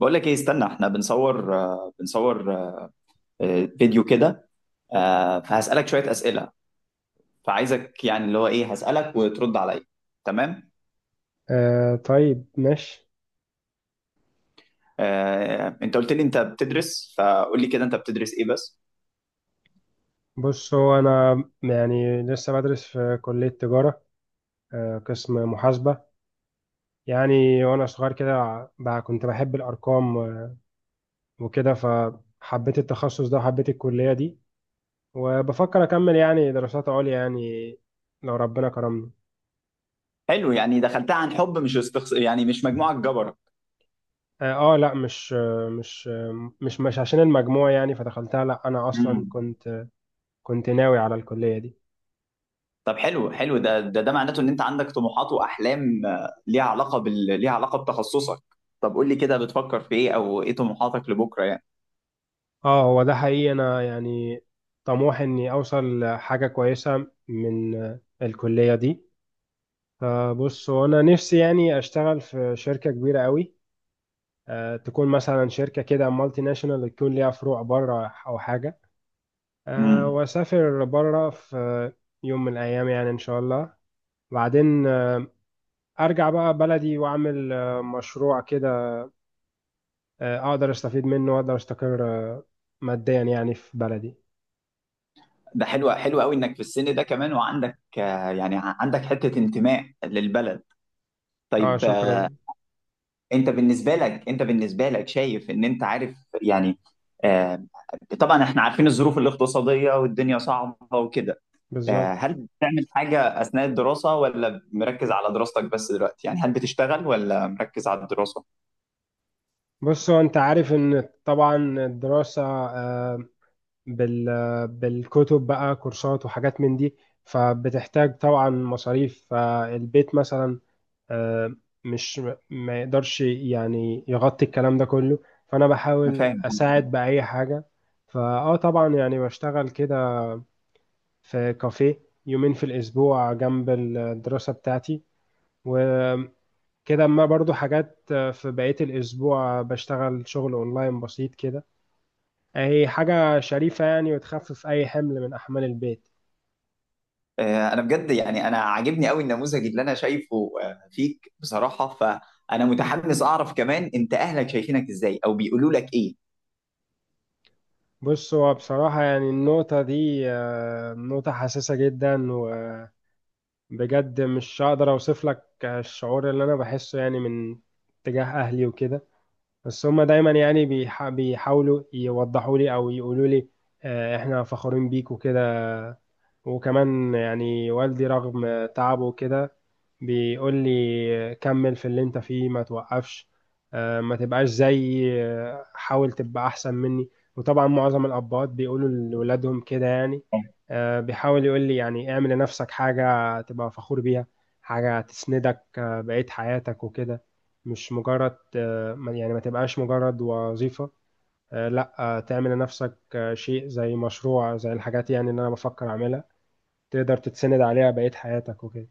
بقول لك ايه، استنى. احنا بنصور فيديو كده. فهسألك شوية أسئلة. فعايزك، يعني اللي هو ايه، هسألك وترد عليا. تمام. آه، طيب ماشي. انت قلت لي انت بتدرس، فقول لي كده انت بتدرس ايه بس. بص هو أنا، يعني لسه بدرس في كلية تجارة، قسم محاسبة. يعني وأنا صغير كده بقى كنت بحب الأرقام وكده، فحبيت التخصص ده وحبيت الكلية دي، وبفكر أكمل يعني دراسات عليا، يعني لو ربنا كرمني. حلو، يعني دخلتها عن حب، مش استخص... يعني مش مجموعة جبرة. لأ، مش مش عشان المجموع يعني فدخلتها. لأ أنا أصلا مم. كنت ناوي على الكلية دي. طب حلو حلو، ده معناته ان انت عندك طموحات واحلام ليها علاقة ليها علاقة بتخصصك. طب قول لي كده، بتفكر في ايه، او ايه طموحاتك لبكرة يعني؟ اه، هو ده حقيقي. انا يعني طموحي اني اوصل لحاجه كويسه من الكليه دي. فبص هو انا نفسي يعني اشتغل في شركه كبيره قوي، أه تكون مثلا شركه كده مالتي ناشونال، تكون ليها فروع بره او حاجه، أه مم. واسافر بره في يوم من الايام، يعني ان شاء الله. بعدين ارجع بقى بلدي واعمل مشروع كده، اقدر استفيد منه واقدر استقر ماديا يعني في بلدي. ده حلو، حلو قوي انك في السن ده كمان، وعندك يعني عندك حتة انتماء للبلد. اه، طيب. شكرا. انت بالنسبة لك شايف ان انت عارف، يعني آه، طبعا احنا عارفين الظروف الاقتصادية والدنيا صعبة وكده. بالظبط. هل بتعمل حاجة اثناء الدراسة، ولا مركز على دراستك بس دلوقتي؟ يعني هل بتشتغل ولا مركز على الدراسة؟ بص هو انت عارف ان طبعا الدراسة آه، بالكتب بقى كورسات وحاجات من دي، فبتحتاج طبعا مصاريف. فالبيت مثلا آه، مش ما يقدرش يعني يغطي الكلام ده كله، فانا انا بحاول فاهم. اساعد بأي حاجة. فاه طبعا يعني بشتغل كده في كافيه يومين في الاسبوع جنب الدراسة بتاعتي وكده. اما برضو حاجات في بقية الاسبوع بشتغل شغل اونلاين بسيط كده. هي حاجة شريفة يعني، وتخفف أي حمل من أحمال البيت. انا بجد يعني انا عاجبني قوي النموذج اللي انا شايفه فيك بصراحه، فانا متحمس اعرف كمان انت اهلك شايفينك ازاي او بيقولوا لك ايه. بص هو بصراحة يعني النقطة دي نقطة حساسة جدا، وبجد مش هقدر أوصف لك الشعور اللي أنا بحسه يعني من تجاه أهلي وكده. بس هما دايما يعني بيحاولوا يوضحوا لي أو يقولوا لي إحنا فخورين بيك وكده. وكمان يعني والدي رغم تعبه كده بيقول لي كمل في اللي انت فيه ما توقفش، ما تبقاش زي حاول تبقى احسن مني. وطبعا معظم الاباء بيقولوا لولادهم كده يعني، بيحاول يقول لي يعني اعمل لنفسك حاجة تبقى فخور بيها، حاجة تسندك بقية حياتك وكده. مش مجرد يعني ما تبقاش مجرد وظيفة، لا تعمل لنفسك شيء زي مشروع زي الحاجات يعني اللي انا بفكر اعملها، تقدر تتسند عليها بقية حياتك وكده.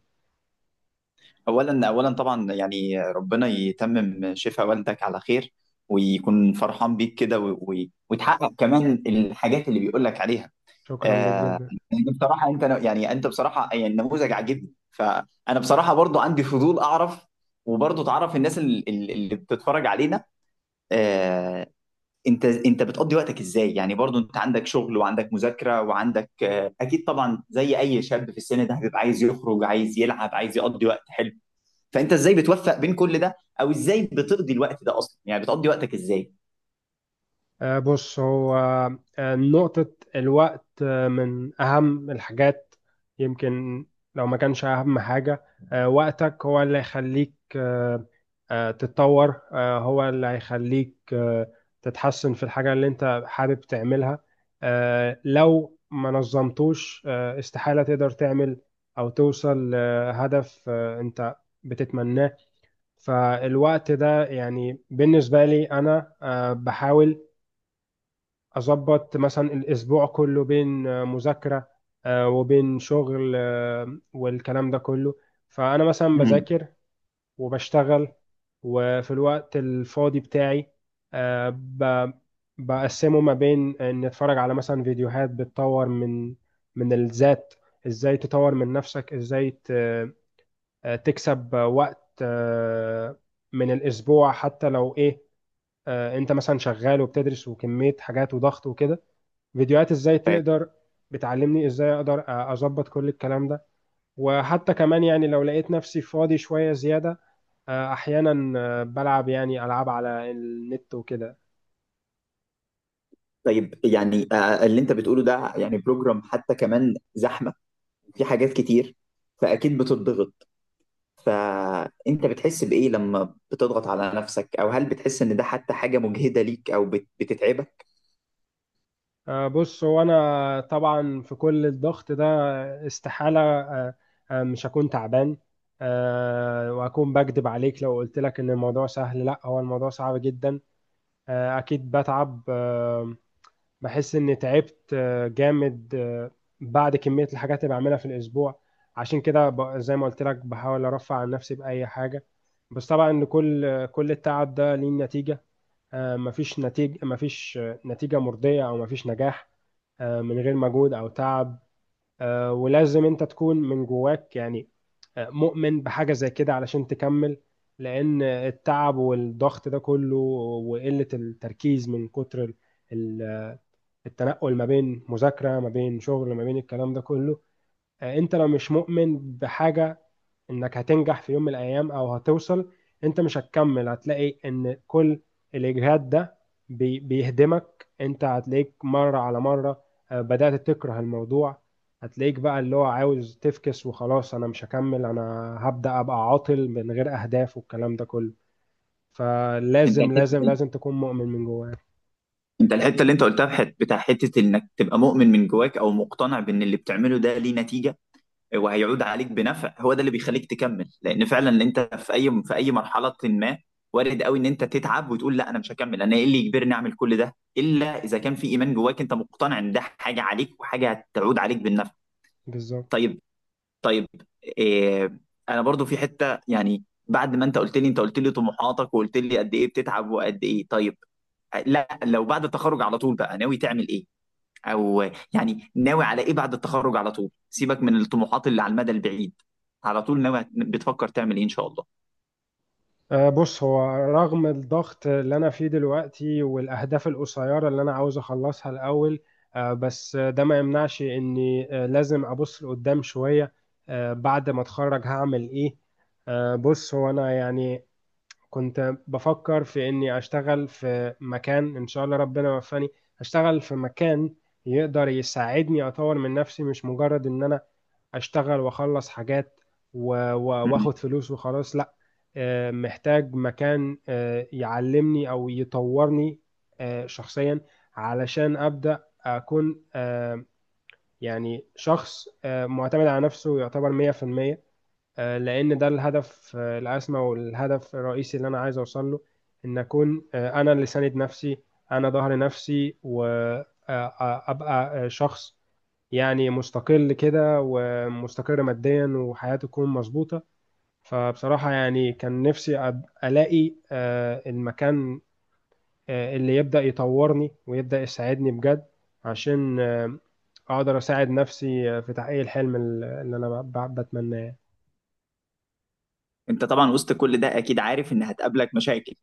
اولا طبعا يعني ربنا يتمم شفاء والدك على خير، ويكون فرحان بيك كده، وتحقق كمان الحاجات اللي بيقول لك عليها. شكرا ليك آه، جدا. يعني بصراحه انت، يعني انت بصراحه، يعني النموذج عاجبني، فانا بصراحه برضو عندي فضول اعرف. وبرضو تعرف الناس اللي بتتفرج علينا. آه، انت بتقضي وقتك ازاي، يعني برضو انت عندك شغل، وعندك مذاكره، وعندك اكيد طبعا زي اي شاب في السن ده هتبقى عايز يخرج، عايز يلعب، عايز يقضي وقت حلو. فانت ازاي بتوفق بين كل ده، او ازاي بتقضي الوقت ده اصلا؟ يعني بتقضي وقتك ازاي؟ بص هو نقطة الوقت من أهم الحاجات، يمكن لو ما كانش أهم حاجة. وقتك هو اللي هيخليك تتطور، هو اللي هيخليك تتحسن في الحاجة اللي أنت حابب تعملها. لو ما نظمتوش استحالة تقدر تعمل أو توصل لهدف أنت بتتمناه. فالوقت ده يعني بالنسبة لي أنا بحاول أظبط مثلا الأسبوع كله بين مذاكرة وبين شغل والكلام ده كله. فأنا مثلا مم. بذاكر وبشتغل، وفي الوقت الفاضي بتاعي آه، ب- بقسمه ما بين إن أتفرج على مثلا فيديوهات بتطور من من الذات، إزاي تطور من نفسك، إزاي ت- آه، تكسب وقت من الاسبوع، حتى لو ايه، انت مثلا شغال وبتدرس وكمية حاجات وضغط وكده، فيديوهات ازاي طيب. تقدر بتعلمني ازاي اقدر اظبط كل الكلام ده. وحتى كمان يعني لو لقيت نفسي فاضي شوية زيادة احيانا بلعب يعني العاب على النت وكده. طيب، يعني اللي انت بتقوله ده يعني بروجرام حتى كمان زحمه، في حاجات كتير، فاكيد بتضغط. فانت بتحس بايه لما بتضغط على نفسك، او هل بتحس ان ده حتى حاجه مجهده ليك، او بتتعبك؟ بص هو انا طبعا في كل الضغط ده استحالة مش هكون تعبان. وهكون بكذب عليك لو قلت لك ان الموضوع سهل، لا هو الموضوع صعب جدا. اكيد بتعب بحس اني تعبت جامد بعد كمية الحاجات اللي بعملها في الاسبوع. عشان كده زي ما قلت لك بحاول ارفع عن نفسي بأي حاجة. بس طبعا إن كل التعب ده ليه نتيجة. مفيش نتيجة، مفيش نتيجة مرضية أو مفيش نجاح من غير مجهود أو تعب. ولازم أنت تكون من جواك يعني مؤمن بحاجة زي كده علشان تكمل. لأن التعب والضغط ده كله وقلة التركيز من كتر ال- التنقل ما بين مذاكرة ما بين شغل ما بين الكلام ده كله، أنت لو مش مؤمن بحاجة انك هتنجح في يوم من الايام او هتوصل، انت مش هتكمل. هتلاقي ان كل الاجهاد ده بيهدمك. انت هتلاقيك مرة على مرة بدأت تكره الموضوع. هتلاقيك بقى اللي هو عاوز تفكس وخلاص، انا مش هكمل، انا هبدأ ابقى عاطل من غير اهداف والكلام ده كله. انت فلازم لازم لازم تكون مؤمن من جواك. انت الحته اللي انت قلتها في بتاع حته، انك تبقى مؤمن من جواك او مقتنع بان اللي بتعمله ده ليه نتيجه وهيعود عليك بنفع، هو ده اللي بيخليك تكمل. لان فعلا اللي انت في اي مرحله ما، وارد قوي ان انت تتعب وتقول لا، انا مش هكمل، انا ايه اللي يجبرني اعمل كل ده، الا اذا كان في ايمان جواك انت مقتنع ان ده حاجه عليك وحاجه هتعود عليك بالنفع. بالظبط. طيب. طيب. إيه، انا برضو في حته، يعني بعد ما انت قلت لي، انت قلت لي طموحاتك وقلت لي قد ايه بتتعب وقد ايه. طيب، لا، لو بعد التخرج على طول بقى ناوي تعمل ايه؟ او يعني ناوي على ايه بعد التخرج على طول، سيبك من الطموحات اللي على المدى البعيد. على طول ناوي بتفكر تعمل ايه ان شاء الله؟ أه، بص هو رغم الضغط اللي أنا فيه دلوقتي والأهداف القصيرة اللي أنا عاوز أخلصها الأول، أه بس ده ما يمنعش إني أه لازم أبص لقدام شوية. أه بعد ما أتخرج هعمل إيه؟ أه بص هو أنا يعني كنت بفكر في إني أشتغل في مكان إن شاء الله ربنا يوفقني، أشتغل في مكان يقدر يساعدني أطور من نفسي، مش مجرد إن أنا اشتغل واخلص حاجات مم. واخد فلوس وخلاص، لا. محتاج مكان يعلمني او يطورني شخصيا، علشان ابدا اكون يعني شخص معتمد على نفسه يعتبر 100%. لان ده الهدف الاسمى والهدف الرئيسي اللي انا عايز اوصل له، ان اكون انا اللي ساند نفسي، انا ظهر نفسي وابقى شخص يعني مستقل كده ومستقر ماديا وحياته تكون مظبوطة. فبصراحة يعني كان نفسي ألاقي المكان اللي يبدأ يطورني ويبدأ يساعدني بجد، عشان أقدر أساعد نفسي في تحقيق الحلم اللي أنا بتمناه. انت طبعا وسط كل ده اكيد عارف ان هتقابلك مشاكل.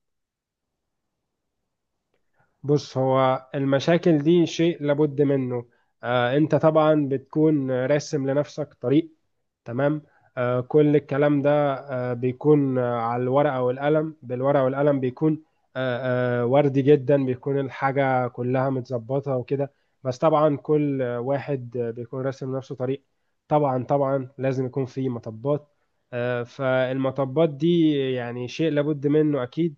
بص هو المشاكل دي شيء لابد منه. أنت طبعا بتكون راسم لنفسك طريق، تمام، كل الكلام ده بيكون على الورقة والقلم. بالورقة والقلم بيكون وردي جدا، بيكون الحاجة كلها متظبطة وكده. بس طبعا كل واحد بيكون راسم نفسه طريق، طبعا طبعا لازم يكون في مطبات. فالمطبات دي يعني شيء لابد منه أكيد.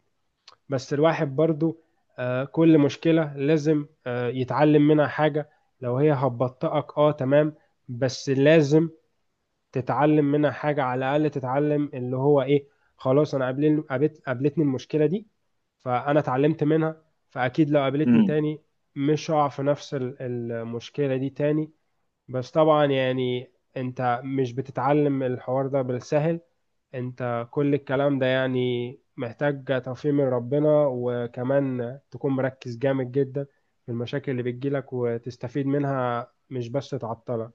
بس الواحد برضو كل مشكلة لازم يتعلم منها حاجة. لو هي هتبطئك، اه تمام، بس لازم تتعلم منها حاجة على الأقل. تتعلم اللي هو إيه، خلاص أنا قابلتني المشكلة دي، فأنا اتعلمت منها، فأكيد لو قابلتني مم. تاني مش هقع في نفس المشكلة دي تاني. بس طبعا يعني أنت مش بتتعلم الحوار ده بالسهل. أنت كل الكلام ده يعني محتاج توفيق من ربنا، وكمان تكون مركز جامد جدا في المشاكل اللي بتجيلك وتستفيد منها مش بس تعطلك.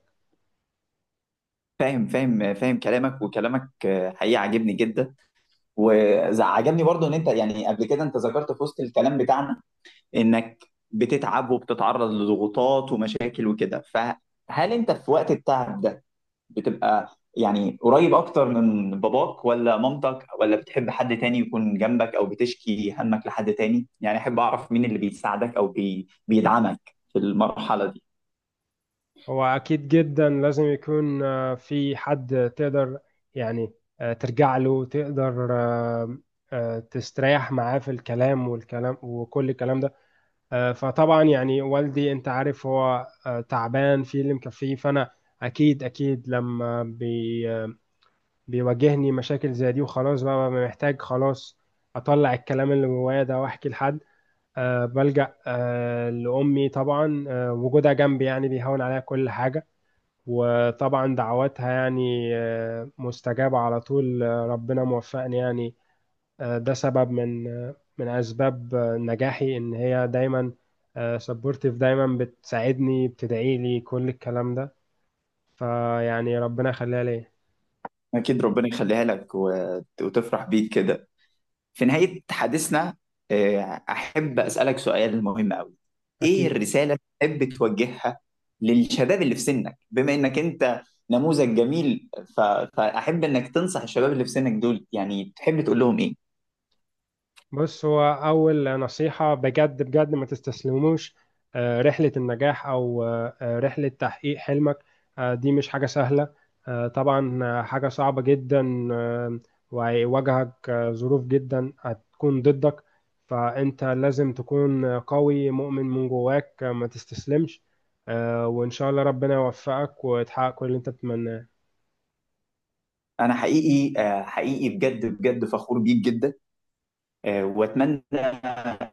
فاهم فاهم فاهم كلامك، وكلامك حقيقي عاجبني جدا. وعجبني برضو ان انت، يعني قبل كده انت ذكرت في وسط الكلام بتاعنا انك بتتعب وبتتعرض لضغوطات ومشاكل وكده، فهل انت في وقت التعب ده بتبقى يعني قريب اكتر من باباك ولا مامتك، ولا بتحب حد تاني يكون جنبك، او بتشكي همك لحد تاني؟ يعني احب اعرف مين اللي بيساعدك او بيدعمك في المرحلة دي. هو أكيد جدا لازم يكون في حد تقدر يعني ترجع له، تقدر تستريح معاه في الكلام والكلام وكل الكلام ده. فطبعا يعني والدي أنت عارف هو تعبان في اللي مكفيه. فأنا أكيد أكيد لما بي آه، بيواجهني مشاكل زي دي وخلاص بقى ببقى محتاج خلاص أطلع الكلام اللي جوايا ده وأحكي لحد. بلجأ لأمي طبعا. وجودها جنبي يعني بيهون عليها كل حاجة، وطبعا دعواتها يعني مستجابة على طول. ربنا موفقني يعني. ده سبب من من أسباب نجاحي، إن هي دايما سبورتيف، دايما بتساعدني بتدعي لي كل الكلام ده، فيعني ربنا يخليها ليا. اكيد ربنا يخليها لك وتفرح بيك كده. في نهاية حديثنا، آه، احب اسألك سؤال مهم قوي. ايه أكيد. الرسالة اللي تحب توجهها للشباب اللي في سنك، بما انك انت نموذج جميل؟ ف... فاحب انك تنصح الشباب اللي في سنك دول، يعني تحب تقول لهم ايه؟ بص هو أول نصيحة بجد بجد ما تستسلموش. رحلة النجاح أو رحلة تحقيق حلمك دي مش حاجة سهلة، طبعا حاجة صعبة جدا، وهيواجهك ظروف جدا هتكون ضدك. فأنت لازم تكون قوي، مؤمن من جواك، ما تستسلمش، وإن شاء الله ربنا يوفقك وتحقق كل اللي أنت بتتمناه. انا حقيقي حقيقي بجد بجد فخور بيك جدا. واتمنى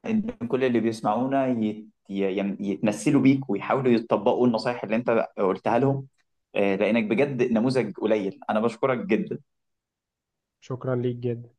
ان كل اللي بيسمعونا يتمثلوا بيك ويحاولوا يطبقوا النصايح اللي انت قلتها لهم، لانك بجد نموذج قليل. انا بشكرك جدا. شكرا ليك جدا.